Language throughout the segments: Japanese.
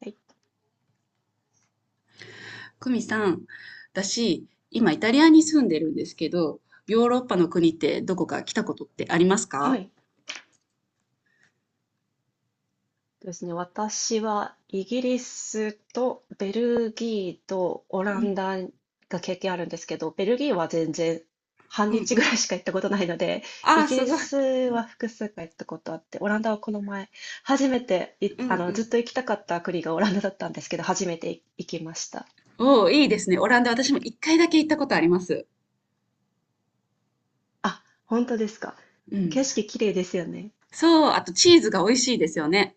はい、久美さん、私、今イタリアに住んでるんですけど、ヨーロッパの国ってどこか来たことってありますはか？いですね。私はイギリスとベルギーとオうランん、ダが経験あるんですけど、ベルギーは全然半うん、う日ぐらん。いしか行ったことないので、あイあ、ギすリごい。スは複数回行ったことあって、オランダはこの前、初めてい、うんあうの、ずっん。と行きたかった国がオランダだったんですけど、初めて行きました。おお、いいですね。オランダ、私も一回だけ行ったことあります。あ、本当ですか。うん。景色綺麗ですよね。そう、あとチーズが美味しいですよね。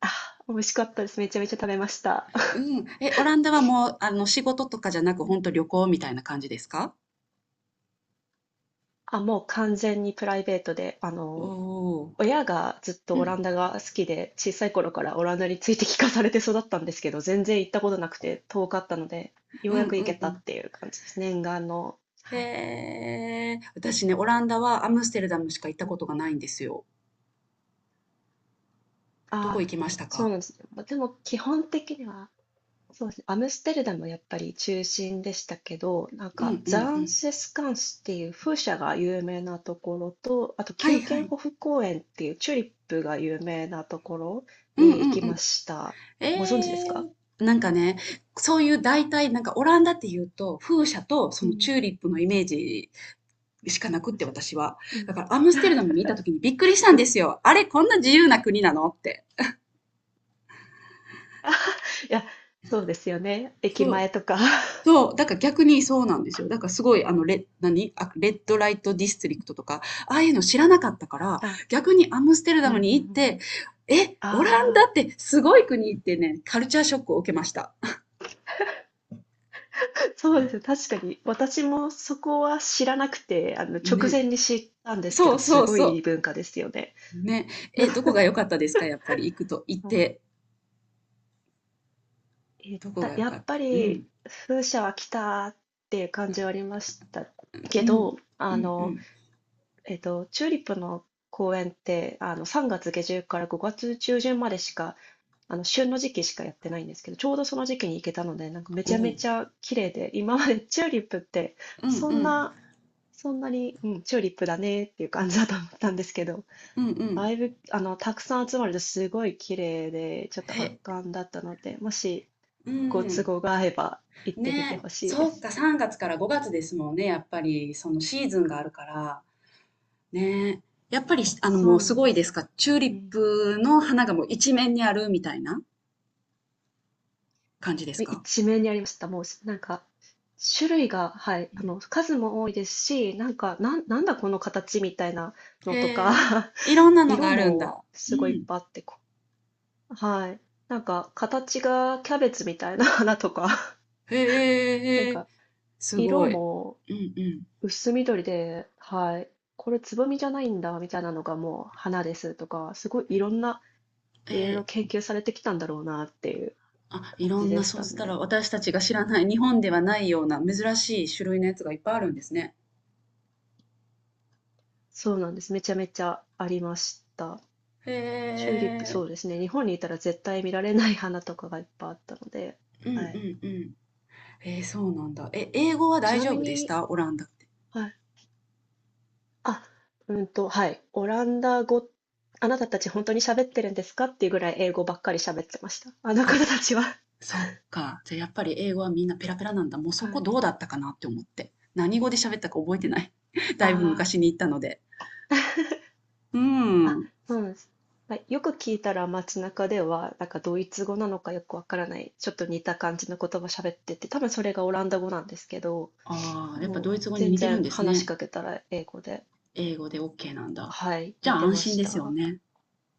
あ、美味しかったです。めちゃめちゃ食べました。う ん。え、オランダはもう、あの、仕事とかじゃなく、本当旅行みたいな感じですか？あ、もう完全にプライベートで、おお親がずっとー。うオん、ランダが好きで、小さい頃からオランダについて聞かされて育ったんですけど、全然行ったことなくて遠かったので、よううん、やくう行けん、うたん。っていう感じですね。念願の。はい。へえ、私ね、オランダはアムステルダムしか行ったうこん。とがないんですよ。どこああ、行きましたそうか？なんですね。ま、でも基本的には、そうですね、アムステルダムやっぱり中心でしたけど、なんうんかうザんうンん。セスカンスっていう風車が有名なところと、あとはキューいケはンい。ホフ公園っていうチューリップが有名なところうんに行うんきうまん。した。ご存知ですえか？なんかね、そういう大体なんかオランダっていうと、風車とそのチューリップのイメージしかなくうっん。て、私は。うだん。からアムス テルダムにいいた時にびっくりしたんですよ。あれ、こんな自由な国なのって。や、そうですよね。駅そう。前とか。そう、だから逆にそうなんですよ。だからすごいあのレ何、あ、レッドライトディストリクトとか、ああいうの知らなかったから、あ、逆にアムステルダうんうムんうにんう行って、ん。え、オランダあってすごい国ってね、カルチャーショックを受けました。あ、そうです。確かに。私もそこは知らなくて、直ね。前に知ったんですけそど、うすそうごいそ文化ですよね。う。ね。え、どこが 良かったですか？やっぱり行くと行っあて、えっどこたが良やかっっぱた？うりん。風車は来たっていう感じはありましたけうん。ど、うんうん。チューリップの公園って、3月下旬から5月中旬までしか旬の時期しかやってないんですけど、ちょうどその時期に行けたので、なんかめおちゃめお。ちゃ綺麗で、今までチューリップって、うんうそんん。な、そんなに、うん、チューリップだねっていう感じだと思ったんですけど、うんうん。だいぶ、たくさん集まるとすごい綺麗で、ちょっとへ圧巻だったので、もしうご都ん。合が合えば行ってみてね、ほしいでそっす。か、3月から5月ですもんね、やっぱり、そのシーズンがあるから。ね。やっぱり、しあの、そもううすなんごでいですすよ。か？チューリうッん。プの花がもう一面にあるみたいな感じですか？一面にありました。もう、なんか、種類が、はい、数も多いですし、なんか、なんだこの形みたいなへのとえ。か いろんな のが色あるんもだ。うすごいいっん。ぱいあって、はい。なんか形がキャベツみたいな 花とか、へ なんへえ。かす色ごい。もうんうん。薄緑で、はい。これつぼみじゃないんだみたいなのがもう花ですとか、すごいいろんな、えいろいろ研え、究されてきたんだろうなっていうあ、い感ろじんでな、しそうたしたらね。私たちが知らない、日本ではないような珍しい種類のやつがいっぱいあるんですね。そうなんです。めちゃめちゃありました。へチューリップ、え。そうですね。日本にいたら絶対見られない花とかがいっぱいあったので、うんうんはい。うん。そうなんだ。え、英語はち大な丈み夫でしに、た？オランダって。はいあ、はい。オランダ語、あなたたち本当に喋ってるんですかっていうぐらい英語ばっかり喋ってました。あのあ、方たちは。そっか。じゃ、やっぱり英語はみんなペラペラなんだ。もうそはこい。どうだったかなって思って。何語で喋ったか覚えてない。だいぶあ昔に行ったので。うああ、ん。そうなんです。はい、よく聞いたら街中では、なんかドイツ語なのかよくわからない、ちょっと似た感じの言葉喋ってて、多分それがオランダ語なんですけど、ああ、やっぱもうドイツ語に全似てるん然です話しね。かけたら英語で、英語でオッケーなんだ。はい、じ似ゃあて安ま心しですよた。ね。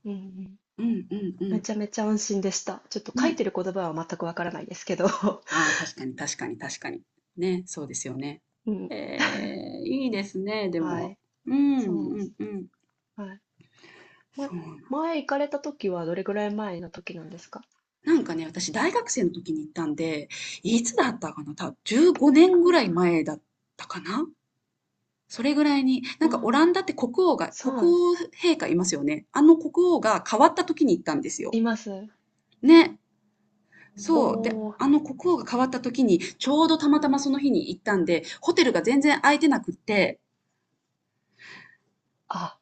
うんうん。うんうんうめん。ちゃめちゃ安心でした。ちょっと書いね。てる言葉は全くわからないですけど。ああ、確かに確かに確かに。ね、そうですよね。うん。えーいいですね、ではも。い。うん、うそうなんでんす。うん。はい。ま、そうなの前行かれた時はどれぐらい前の時なんですか？なんかね、私大学生の時に行ったんで、いつだったかな、15年あぐらい前だったかな。それぐらいに、なあ、んかオランダってああ、そ国うなんです。王陛下いますよね。あの国王が変わった時に行ったんですよ。います。ね。おそう。で、お、あの国王が変わった時に、ちょうどたまたまその日に行ったんで、ホテルが全然空いてなくって、あ、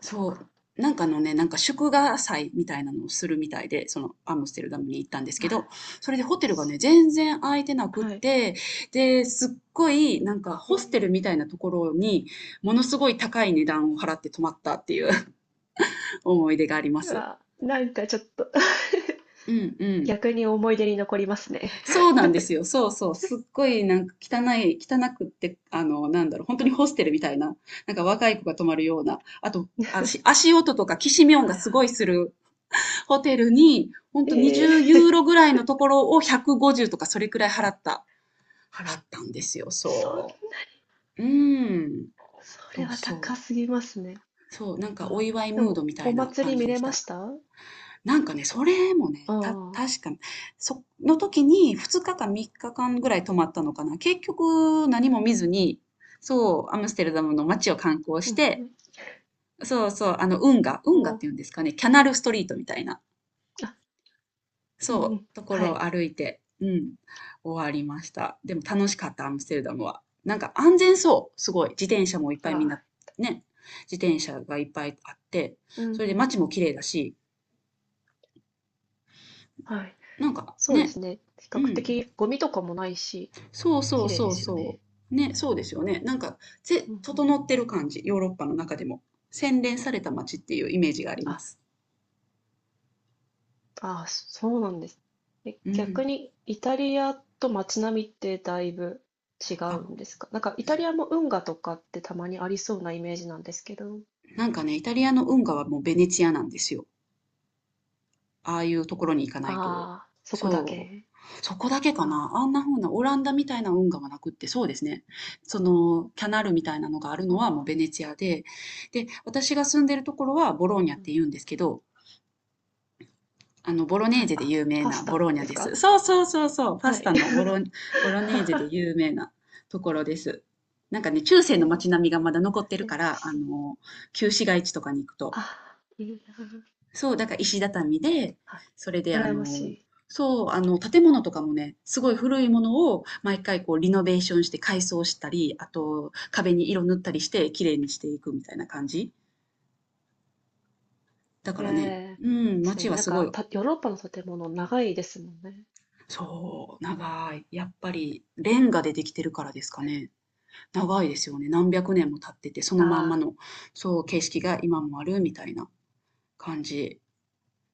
そっそう。か。なんかのね、なんか祝賀祭みたいなのをするみたいで、そのアムステルダムに行ったんですけはど、い。それでホテルがね、す全然空いてなくっはい。て、で、すっごいなんかえホスえ。テルみたいなところに、ものすごい高い値段を払って泊まったっていう 思い出がありまうす。わ、なんかちょっと うん うん。逆に思い出に残りますね。そうなんですよ。そうそう。すっごいなんか汚くって、あの、なんだろう、本当にホステルみたいな、なんか若い子が泊まるような、あと、足音とかきしみ音がはいすごはいするホテルに、ほんい。とええ。20ユーロ ぐらいのところを150とかそれくらい払ったんですよ、そそう。うーん。そそれうはそ高う。すぎますね。そう、なんかおああ。祝いでムーも、ドみたおいな祭り感じ見でれしまた。した？あなんかね、それもね、あー。確か、その時に2日か3日間ぐらい泊まったのかな。結局何も見ずに、そう、アムステルダムの街を観光うしんうて、ん。そうそう、あの運河お運河ってお、いうんですかね、キャナルストリートみたいなあ、うんうそん。う、とこはろい。を歩いて、うん、終わりました。でも楽しかった、アムステルダムは。なんか安全そう、すごい。自転車もいっあぱいみんな、あ、ね、自転車がいっぱいあって、うんうそれでん。街も綺麗だし、はい。なんかそうでね、すね。比う較ん、的ゴミとかもないし、そうそう綺麗でそうすよね。そう。ね、そうですよね。なんか、うんうん。整ってる感じ、ヨーロッパの中でも。洗練された街っていうイメージがありまあ、す。ああそうなんです。え、う逆ん。にイタリアと街並みってだいぶ違あ、うんですか？なんかイタリアも運河とかってたまにありそうなイメージなんですけど。なんかね、イタリアの運河はもうベネチアなんですよ。ああいうところに行かなあいと。あ、そこだそけう。ですそか？こだけかな。ああんな風なオランダみたいな運河はなくって、そうですね。その、キャナルみたいなのがあるあ、のはもうあベあ、ネチアで、で、私が住んでるところはボローニャっうん。て言うんですけど、あの、ボロネはーい、ゼであ、有名パなスタボロのーニャですです。か？そうそうそうそう。パはスい。タのボロ、ボロネーゼで有名なところです。なんかね、中世のね、ね、街並みがまだ残ってる美か味ら、しあそう。の、旧市街地とかに行くとああ、いいな。そう、だから石畳で、はい。それであ羨ましの、い。そう、あの、建物とかもね、すごい古いものを毎回こうリノベーションして改装したり、あと壁に色塗ったりして綺麗にしていくみたいな感じ。だかえらね、え、うん、確か街にはなんすごか、い、ヨーロッパの建物長いですもんね。そう、うん。長い。やっぱりレンガでできてるからですかね。長いですよね。何百年も経ってて、そのまんまああ、の、そう、景色が今もあるみたいな感じ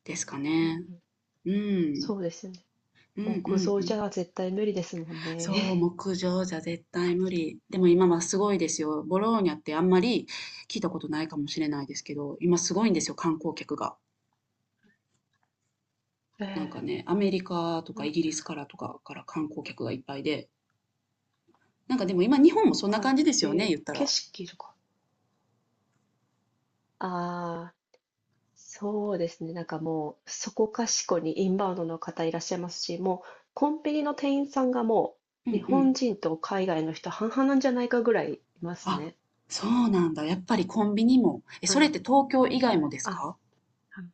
ですかうんうん、ね。うん。そうですよね。うんう木ん造うじん。ゃ絶対無理ですもんそう、ね。木上じゃ絶対無理。でも今はすごいですよ。ボローニャってあんまり聞いたことないかもしれないですけど、今すごいんですよ、観光客が。なん えかえ、ね、アメリカとはかイい、ギリスからとかから観光客がいっぱいで。なんかでも今日本もそんなは感じですい。よね、えー言った景ら。色とか。ああ、そうですね、なんかもう、そこかしこにインバウンドの方いらっしゃいますし、もうコンビニの店員さんがもうう、日んう本ん。人と海外の人半々なんじゃないかぐらいいますあ、ね。そうなんだ。やっぱりコンビニも。え、あそれの、って東京以外はもい、ですあか？はい。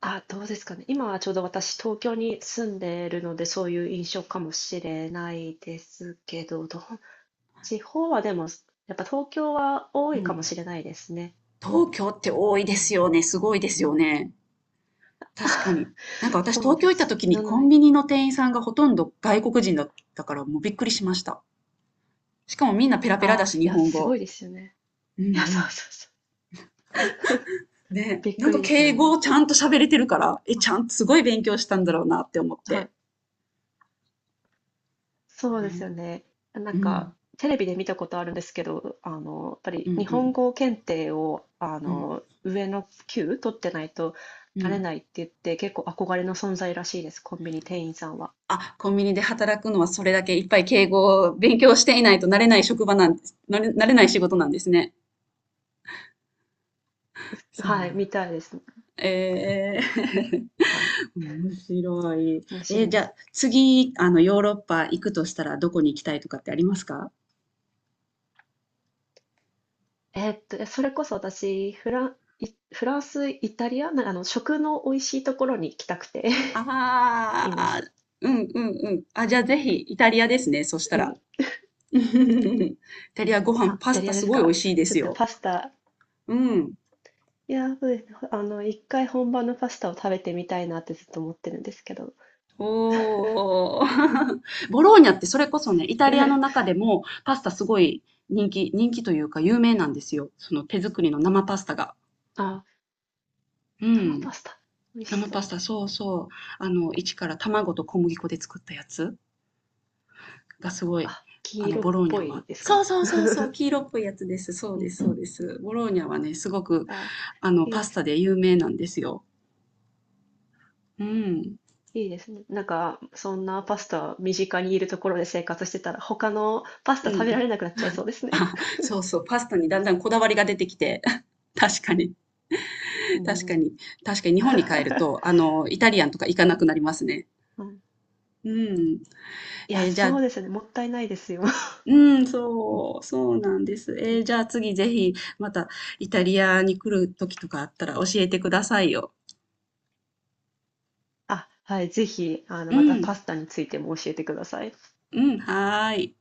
あ、どうですかね。今はちょうど私、東京に住んでいるので、そういう印象かもしれないですけど、どう、地方はでも、やっぱ東京は多ういかもん。しれないですね。東京って多いでうすん。よね。すごいですよね。確か に。なんか私そうなん東京で行ったす。時になのコンで、ビニの店員さんがほとんど外国人だったからもうびっくりしました。しかもみんなペラペラだああ、し、日いや、本すご語。いですよね。ういや、んそううん。そうそう。ね、びっなんくかりですよ敬語ね。をちゃんと喋れてるから、え、あ、ちゃんとすごい勉強したんだろうなって思っはて。い。そうですよね、ね。なんうん、か、テレビで見たことあるんですけど、やっぱうりん、日う本ん、語検定を、うん、上の級取ってないとうなれん。ないって言って、結構憧れの存在らしいです、コンビニ店員さんは。あ、コンビニで働くのはそれだけいっぱい敬語を勉強していないとなれない職場なんです、なれない仕事なんですね。そうはい、なん。みたいですね。ええ はい。面白い。面白いじでゃす。あ次、あの、ヨーロッパう行くんとしたらどこに行きたいとかってありますか？えーっと、それこそ私、フランス、イタリア、なあの、食の美味しいところに行きたくて あ いまあす。ー、うんうんうん。あ、じゃあぜひイタリアですね。そしたうら。ん。イタリアご飯、あ、イパタスリタアですすごい美味か。しいでちょすっとよ。パスタ、うん。いやー、そうですね。一回本場のパスタを食べてみたいなってずっと思ってるんですけど。おー。ボローニャってそれこそね、イタリアの中 でもパスタすごい人気、人気というか有名なんですよ。その手作りの生パスタが。あ、う生パん。スタ、美味し生パそスう。タ、そうそう。あの、一から卵と小麦粉で作ったやつがすごい、あ、あ黄の、色ボっローニぽャは。いですそか？うそうそうそう、黄 色っぽいやつです。そううでん。す、そうです。ボローニャはね、すごく、あ、あの、いいパでスす。タで有名なんですよ。うん。いいですね。なんか、そんなパスタ身近にいるところで生活してたら、他のパスうタ食べらん。れなくなっちゃいそうですね。あ、そうそう、パスタにだんだんこだわりが出てきて。確かに、う確かん。に、確かに日本に 帰ると、あの、イタリアンとか行かなくなりますね。うん。うん。いや、じゃそあ、うですよね。もったいないですよ。うん、そう、そうなんです。うん、じゃあ次ぜひまたイタリうん。アに来る時とかあったら教えてくださいよ。あ、はい、ぜひ、うまたパん、スタについても教えてください。うん、はーい。